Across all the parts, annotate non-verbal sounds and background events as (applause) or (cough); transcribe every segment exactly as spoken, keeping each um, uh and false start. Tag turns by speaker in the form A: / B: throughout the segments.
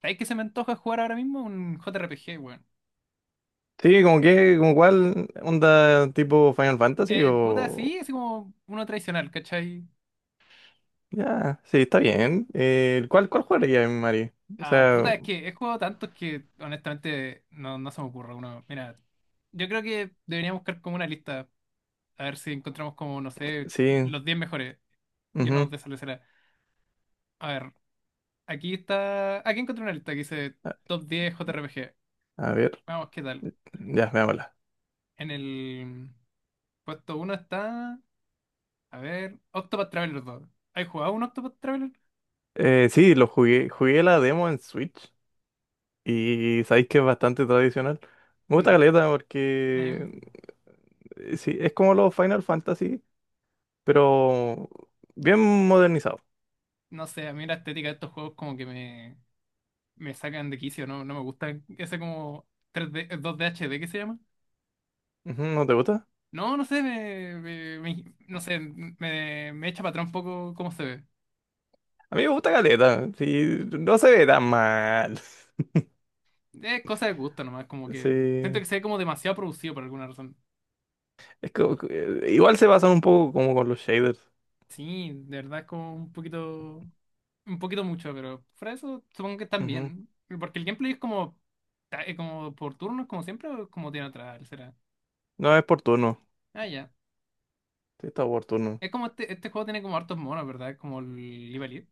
A: ¿Sabes qué se me antoja jugar ahora mismo? Un J R P G, weón.
B: Sí, como que, como cuál onda tipo Final Fantasy
A: Eh, puta,
B: o...
A: sí, así como uno tradicional, ¿cachai?
B: Ya, sí, está bien. Eh, ¿cuál, cuál jugaría, en Mari? O
A: Ah,
B: sea,
A: puta, es que he jugado tantos que honestamente no, no se me ocurre uno. Mira, yo creo que deberíamos buscar como una lista. A ver si encontramos como, no sé,
B: sí.
A: los diez mejores. Yo no,
B: Ujú.
A: de eso le será. A ver, aquí está. Aquí encontré una lista que dice
B: A,
A: Top diez J R P G.
B: a ver,
A: Vamos, ¿qué tal?
B: ya, veámosla.
A: En el puesto uno está. A ver, Octopath Traveler dos. ¿Has jugado un Octopath Traveler?
B: Eh, sí, lo jugué, jugué la demo en Switch y sabéis que es bastante tradicional. Me gusta
A: Mm,
B: caleta
A: eh,
B: porque eh, sí, es como los Final Fantasy, pero bien modernizado.
A: No sé, a mí la estética de estos juegos como que me, me sacan de quicio, no, no me gusta ese como tres D, dos D H D, ¿qué se llama?
B: Ujú, ¿no te gusta?
A: No, no sé, me, me- me- no sé, me, me echa para atrás un poco cómo se ve.
B: A mí me gusta caleta, sí, no se ve tan mal. (laughs)
A: Es cosa de gusto nomás, como que siento que
B: Sí.
A: se ve como demasiado producido por alguna razón.
B: Es que, eh, igual se basan un poco como con los shaders.
A: Sí, de verdad es como un poquito, un poquito mucho, pero fuera de eso supongo que están
B: Ujú.
A: bien. Porque el gameplay es como, ta- eh, como por turnos, como siempre, o como tiene atrás, será.
B: No es por turno.
A: Ah, ya.
B: Sí, está por turno.
A: Es como este, este juego tiene como hartos monos, ¿verdad? Es como el Live Elite.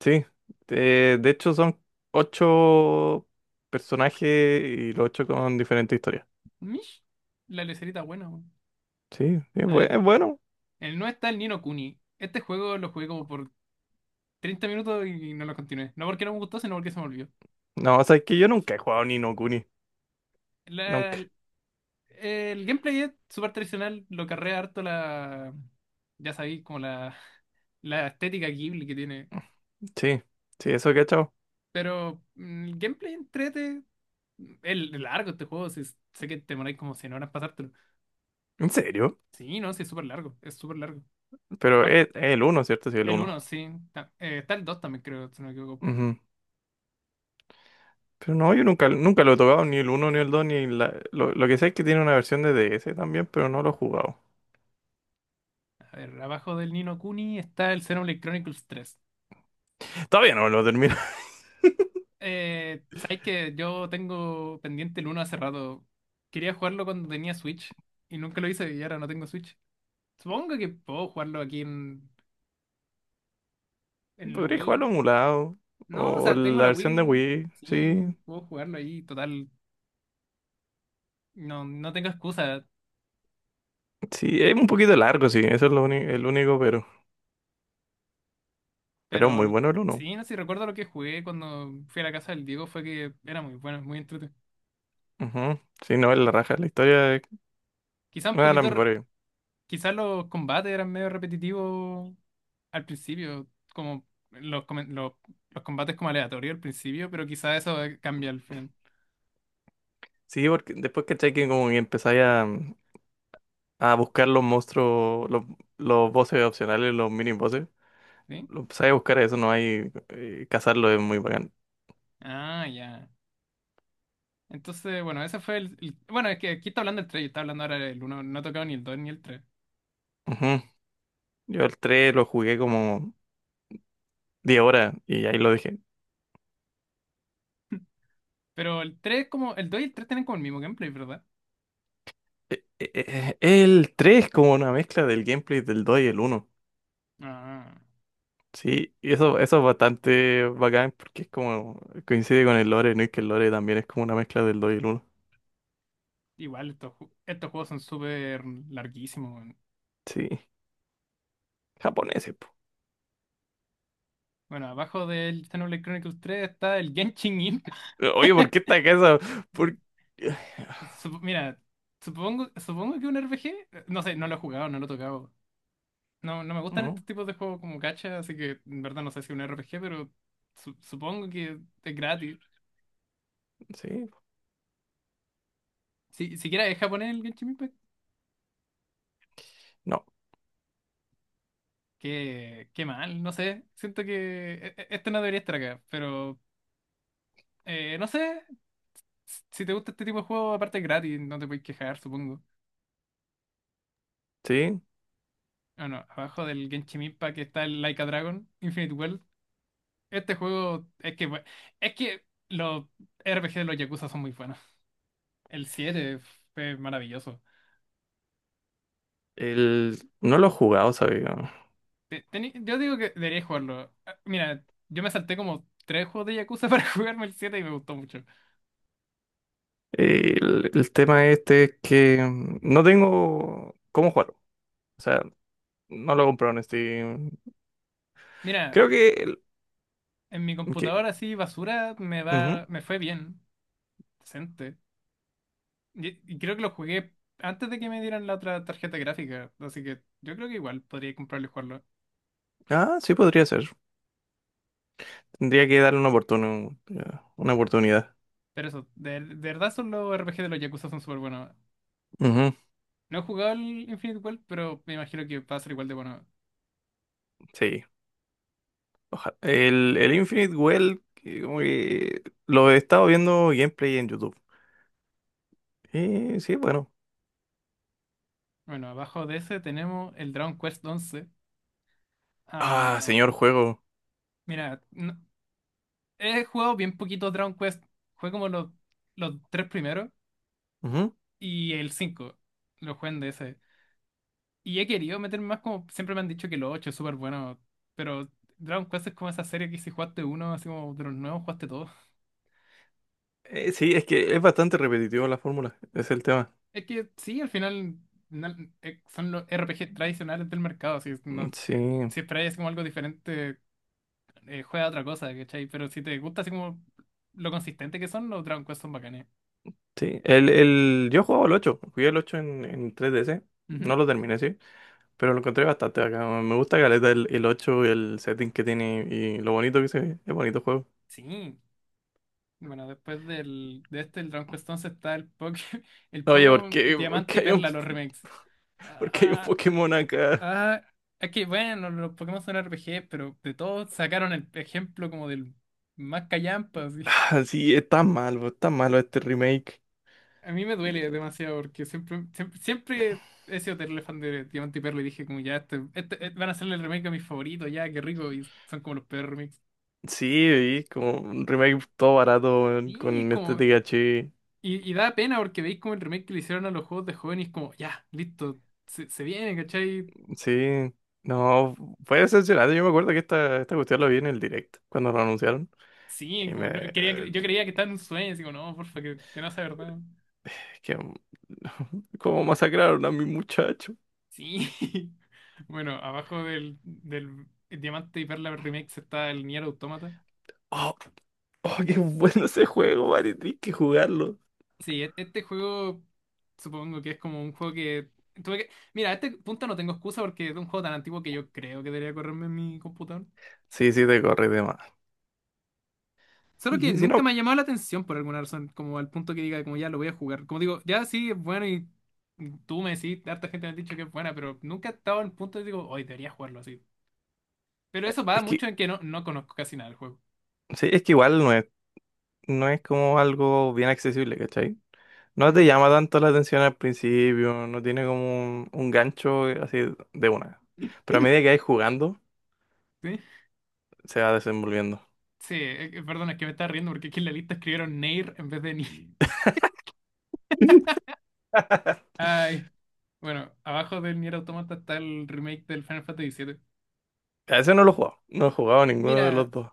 B: Sí. Eh, de hecho, son ocho personajes y los ocho con diferentes historias.
A: Mish, la lecerita buena, weón.
B: Sí, es
A: A
B: bue-
A: ver,
B: es bueno.
A: el no está el Nino Kuni. Este juego lo jugué como por treinta minutos y no lo continué. No porque no me gustó, sino porque se me olvidó.
B: No, o sea, es que yo nunca he jugado ni no Kuni.
A: La-
B: Nunca.
A: el, el gameplay es súper tradicional, lo carrea harto la. Ya sabéis, como la, (laughs) la estética Ghibli que tiene.
B: Sí, sí, eso que he echado.
A: Pero mm, el gameplay entrete. El largo este juego, sí, sé que te moráis como cien horas pasártelo.
B: ¿En serio?
A: Sí, no, sí, es súper largo, es súper largo.
B: Pero es, es el uno, ¿cierto? Sí, el
A: El
B: uno.
A: uno sí. Ta- eh, está el dos también, creo, si no me equivoco.
B: Ujú. Pero no, yo nunca, nunca lo he tocado, ni el uno, ni el dos, ni la... Lo, lo que sé es que tiene una versión de D S también, pero no lo he jugado.
A: A ver, abajo del Nino Kuni está el Xenoblade Chronicles tres.
B: (laughs) Todavía no lo termino.
A: Eh, sabes que yo tengo pendiente el uno hace rato. Quería jugarlo cuando tenía Switch y nunca lo hice y ahora no tengo Switch. Supongo que puedo jugarlo aquí en, en la
B: Podría jugarlo
A: Wii.
B: emulado.
A: No, o
B: O
A: sea, tengo
B: la
A: la
B: versión de
A: Wii.
B: Wii.
A: Sí,
B: Sí.
A: puedo jugarlo ahí. Total, no, no tengo excusa.
B: Sí, es un poquito largo, sí. Eso es lo uni- el único, pero. Pero muy
A: Pero
B: bueno el uno.
A: sí, no sé si recuerdo lo que jugué cuando fui a la casa del Diego, fue que era muy bueno, muy entretenido.
B: Ujú. Sí, no, es la raja. La historia es
A: Quizá un
B: una de las
A: poquito.
B: mejores.
A: Quizás los combates eran medio repetitivos al principio, como los, come- los, los combates como aleatorios al principio, pero quizás eso eh, cambia al final,
B: Sí, porque después caché que como que empezáis a, a buscar los monstruos, los, los bosses opcionales, los mini bosses.
A: ¿sí?
B: Lo empezáis a buscar eso, no hay. eh, cazarlo es muy bacán.
A: Ah, ya. Entonces, bueno, ese fue el, el- Bueno, es que aquí está hablando el tres. Yo estaba hablando ahora el uno. No he tocado ni el dos ni el tres.
B: Ujú. Yo el tres lo jugué como diez horas y ahí lo dejé.
A: Pero el tres como el dos y el tres tienen como el mismo gameplay, ¿verdad?
B: Eh, eh, eh, El tres como una mezcla del gameplay del dos y el uno.
A: Ah,
B: Sí, y eso, eso es bastante bacán porque es como coincide con el lore, ¿no? Y que el lore también es como una mezcla del dos y el uno.
A: igual estos, ju- estos juegos son súper larguísimos, weón.
B: Sí, japoneses, po.
A: Bueno, abajo del Xenoblade Chronicles tres está el Genshin Impact.
B: Eh, Oye, ¿por qué esta casa? ¿Por...
A: Sup- mira, supongo, supongo que un R P G, eh, no sé, no lo he jugado, no lo he tocado. No, no me gustan estos
B: ¿No?
A: tipos de juegos como gacha, así que en verdad no sé si un R P G, pero su- supongo que es gratis.
B: Sí,
A: Si, siquiera es japonés el Genshin Impact,
B: no,
A: qué, qué mal, no sé. Siento que e- e- este no debería estar acá, pero eh, no sé. s- Si te gusta este tipo de juego, aparte es gratis, no te puedes quejar, supongo.
B: sí.
A: Bueno, abajo del Genshin Impact está el Like a Dragon, Infinite World. Este juego es que bu- es que los R P G de los Yakuza son muy buenos. El siete fue maravilloso.
B: El... No lo he jugado, ¿sabes?
A: Te- teni- Yo digo que debería jugarlo. Ah, mira, yo me salté como tres juegos de Yakuza (laughs) para jugarme el siete y me gustó mucho.
B: El, el tema este es que mm, no tengo cómo jugarlo. O sea, no lo he comprado en Steam.
A: Mira,
B: Creo que... el-
A: en mi
B: que...
A: computadora así basura me
B: ujú.
A: va, me fue bien, decente. Y, y creo que lo jugué antes de que me dieran la otra tarjeta gráfica, así que yo creo que igual podría comprarlo y jugarlo.
B: Ah, sí podría ser. Tendría que darle una oportun- una oportunidad.
A: Pero eso, de, de verdad son los R P G de los Yakuza son súper buenos.
B: Ujú,
A: No he jugado el Infinite World, pero me imagino que va a ser igual de bueno.
B: sí. Oja- el, el Infinite Well, que como que lo he estado viendo gameplay en YouTube. Y sí, bueno.
A: Bueno, abajo de ese tenemos el Dragon Quest once.
B: Ah,
A: Ah,
B: señor juego.
A: mira, no- he jugado bien poquito Dragon Quest. Jugué como los, los tres primeros
B: Ujú.
A: y el cinco. Lo jugué en D S. Y he querido meterme más como siempre me han dicho que los ocho es súper bueno. Pero Dragon Quest es como esa serie que si jugaste uno, así como de los nuevos jugaste todos.
B: Eh, sí, es que es bastante repetitivo la fórmula. Es el tema.
A: Es que sí, al final na- eh, son los R P G tradicionales del mercado. Si
B: Mm,
A: no,
B: sí,
A: eh, si esperáis como algo diferente, eh, juega a otra cosa, ¿cachai? Pero si te gusta así como lo consistente que son, los Dragon Quest son bacanes.
B: sí. El, el, yo jugaba el ocho. Jugué el ocho en, en tres D ds.
A: Ujú.
B: No lo terminé, sí. Pero lo encontré bastante acá. Me gusta caleta el, el ocho, el setting que tiene y lo bonito que se ve. Es bonito juego.
A: Sí. Bueno, después del, de este, el Dragon Quest once está el Pokémon, (laughs) el
B: Oye, ¿por
A: Pokémon
B: qué? ¿Por
A: Diamante y
B: qué hay un...
A: Perla, los remakes.
B: Porque hay un
A: Ah,
B: Pokémon acá.
A: ah, es que bueno, los Pokémon son R P G, pero de todos sacaron el ejemplo como del más callampa, así. (laughs)
B: (sighs) Sí, está malo, está malo este remake.
A: A mí me duele demasiado porque siempre, siempre, siempre he sido terrible fan de Diamante y Perla y dije como ya, este, este- eh, van a hacerle el remake a mis favoritos, ya, qué rico, y son como los peores.
B: Sí, y como un remake todo barato weón,
A: Y es
B: con este
A: como.
B: T H X.
A: Y, y da pena porque veis como el remake que le hicieron a los juegos de jóvenes, como, ya, listo, se, se viene, ¿cachai?
B: Sí, no, fue decepcionante. Yo me acuerdo que esta, esta cuestión lo vi en el direct cuando lo anunciaron.
A: Sí,
B: Y me.
A: como no- quería, cre-
B: eh,
A: yo creía que estaba en un sueño, así como, no, porfa, que, que no sea verdad.
B: Es que. (laughs) Como masacraron a mi muchacho.
A: Sí. (laughs) Bueno, abajo del, del Diamante y Perla remake está el Nier Automata.
B: Oh, oh, qué bueno ese juego, vale, tienes que jugarlo.
A: Sí, e- este juego supongo que es como un juego que tuve que. Mira, a este punto no tengo excusa porque es un juego tan antiguo que yo creo que debería correrme en mi computador.
B: Sí, sí, te corre de más.
A: Solo que
B: Y si
A: nunca
B: no,
A: me ha llamado la atención por alguna razón, como al punto que diga, como ya lo voy a jugar. Como digo, ya sí, es bueno y tú me decís, harta gente me ha dicho que es buena, pero nunca he estado al punto de digo, hoy debería jugarlo así. Pero eso va
B: es que.
A: mucho en que no, no conozco casi nada del juego.
B: Sí, es que igual no es, no es como algo bien accesible, ¿cachai? No
A: Mm.
B: te llama tanto la atención al principio, no tiene como un, un gancho así de una. Pero a medida que vais jugando,
A: ¿Sí?
B: se va desenvolviendo.
A: Sí, eh, eh, perdón, es que me estaba riendo porque aquí en la lista escribieron Nier en vez de Nier.
B: (laughs)
A: (laughs) Ay. Bueno, abajo del Nier Automata está el remake del Final Fantasy siete.
B: A ese no lo he jugado, no he jugado ninguno de
A: Mira,
B: los dos.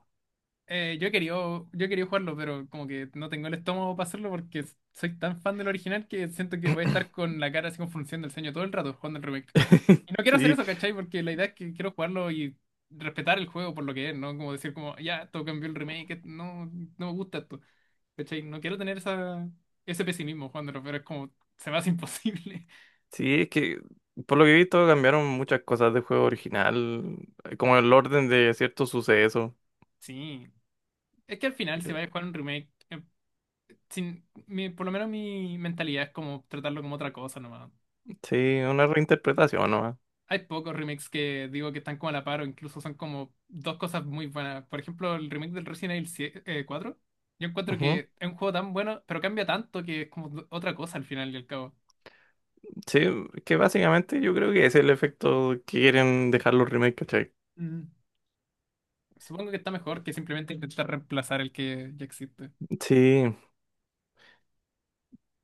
A: Eh, yo he querido, yo he querido jugarlo, pero como que no tengo el estómago para hacerlo porque s- soy tan fan del original que siento que voy a estar con la cara así con función del ceño todo el rato jugando el remake.
B: (laughs)
A: Y no quiero hacer
B: Sí,
A: eso, ¿cachai? Porque la idea es que quiero jugarlo y respetar el juego por lo que es, ¿no? Como decir como, ya, esto cambió el remake, et- no, no me gusta esto, ¿cachai? No quiero tener esa, ese pesimismo jugándolo, pero es como, se me hace imposible. (laughs)
B: sí, es que por lo que he visto cambiaron muchas cosas del juego original, eh, como el orden de ciertos sucesos.
A: Sí. Es que al final se va a jugar un remake, eh, sin, mi- por lo menos mi mentalidad es como tratarlo como otra cosa nomás.
B: Sí, una reinterpretación nomás.
A: Hay pocos remakes que digo que están como a la par o incluso son como dos cosas muy buenas. Por ejemplo, el remake del Resident Evil siete, eh, cuatro. Yo encuentro
B: Ujú.
A: que es un juego tan bueno, pero cambia tanto que es como do- otra cosa al final y al cabo.
B: Sí, que básicamente yo creo que ese es el efecto que quieren dejar los remakes, ¿cachai?
A: Mm. Supongo que está mejor que simplemente intentar reemplazar el que ya existe.
B: Sí,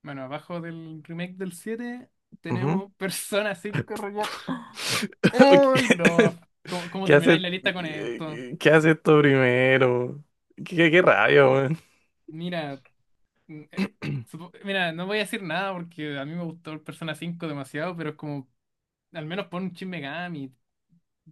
A: Bueno, abajo del remake del siete
B: ujú.
A: tenemos (laughs) Persona cinco Royal.
B: (laughs)
A: ¡Uy,
B: ¿Qué
A: no! ¿Cómo, cómo
B: qué
A: termináis
B: hace,
A: la lista con esto?
B: qué hace esto primero? Qué, qué qué rabia, weón.
A: Mira, mm, eh,
B: (clears throat)
A: supo- mira, no voy a decir nada porque a mí me gustó el Persona cinco demasiado, pero es como al menos pon un Shin Megami,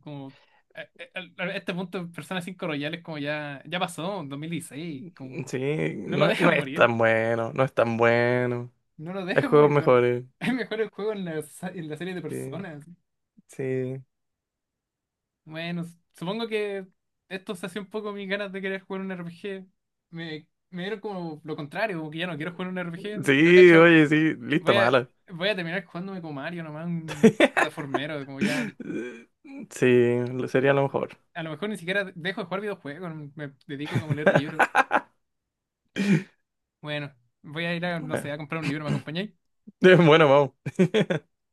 A: como a, a- a este punto Persona cinco Royal es como ya, ya pasó, en dos mil dieciséis, como
B: Sí,
A: no lo
B: no, no
A: dejan
B: es
A: morir,
B: tan bueno, no es tan bueno.
A: no lo
B: Hay
A: dejan
B: juegos
A: morir, de ¿verdad?
B: mejores.
A: (laughs) Es mejor el juego en la, sa- en la serie de
B: Sí,
A: personas.
B: sí.
A: Bueno, s- supongo que esto se hace un poco mis ganas de querer jugar un R P G. Me, me dieron como lo contrario, como que ya no quiero jugar un R P G. Yo
B: Sí,
A: cacho,
B: oye, sí, lista
A: voy a,
B: mala.
A: voy a terminar jugándome como Mario, nomás un
B: (laughs)
A: plataformero, como ya.
B: Sí, lo- sería lo mejor.
A: A lo mejor ni siquiera dejo de jugar videojuegos, me dedico como a leer libros.
B: (laughs)
A: Bueno, voy a ir a, no sé,
B: Bueno,
A: a comprar un libro, ¿me acompañáis?
B: (laughs) bueno, vamos.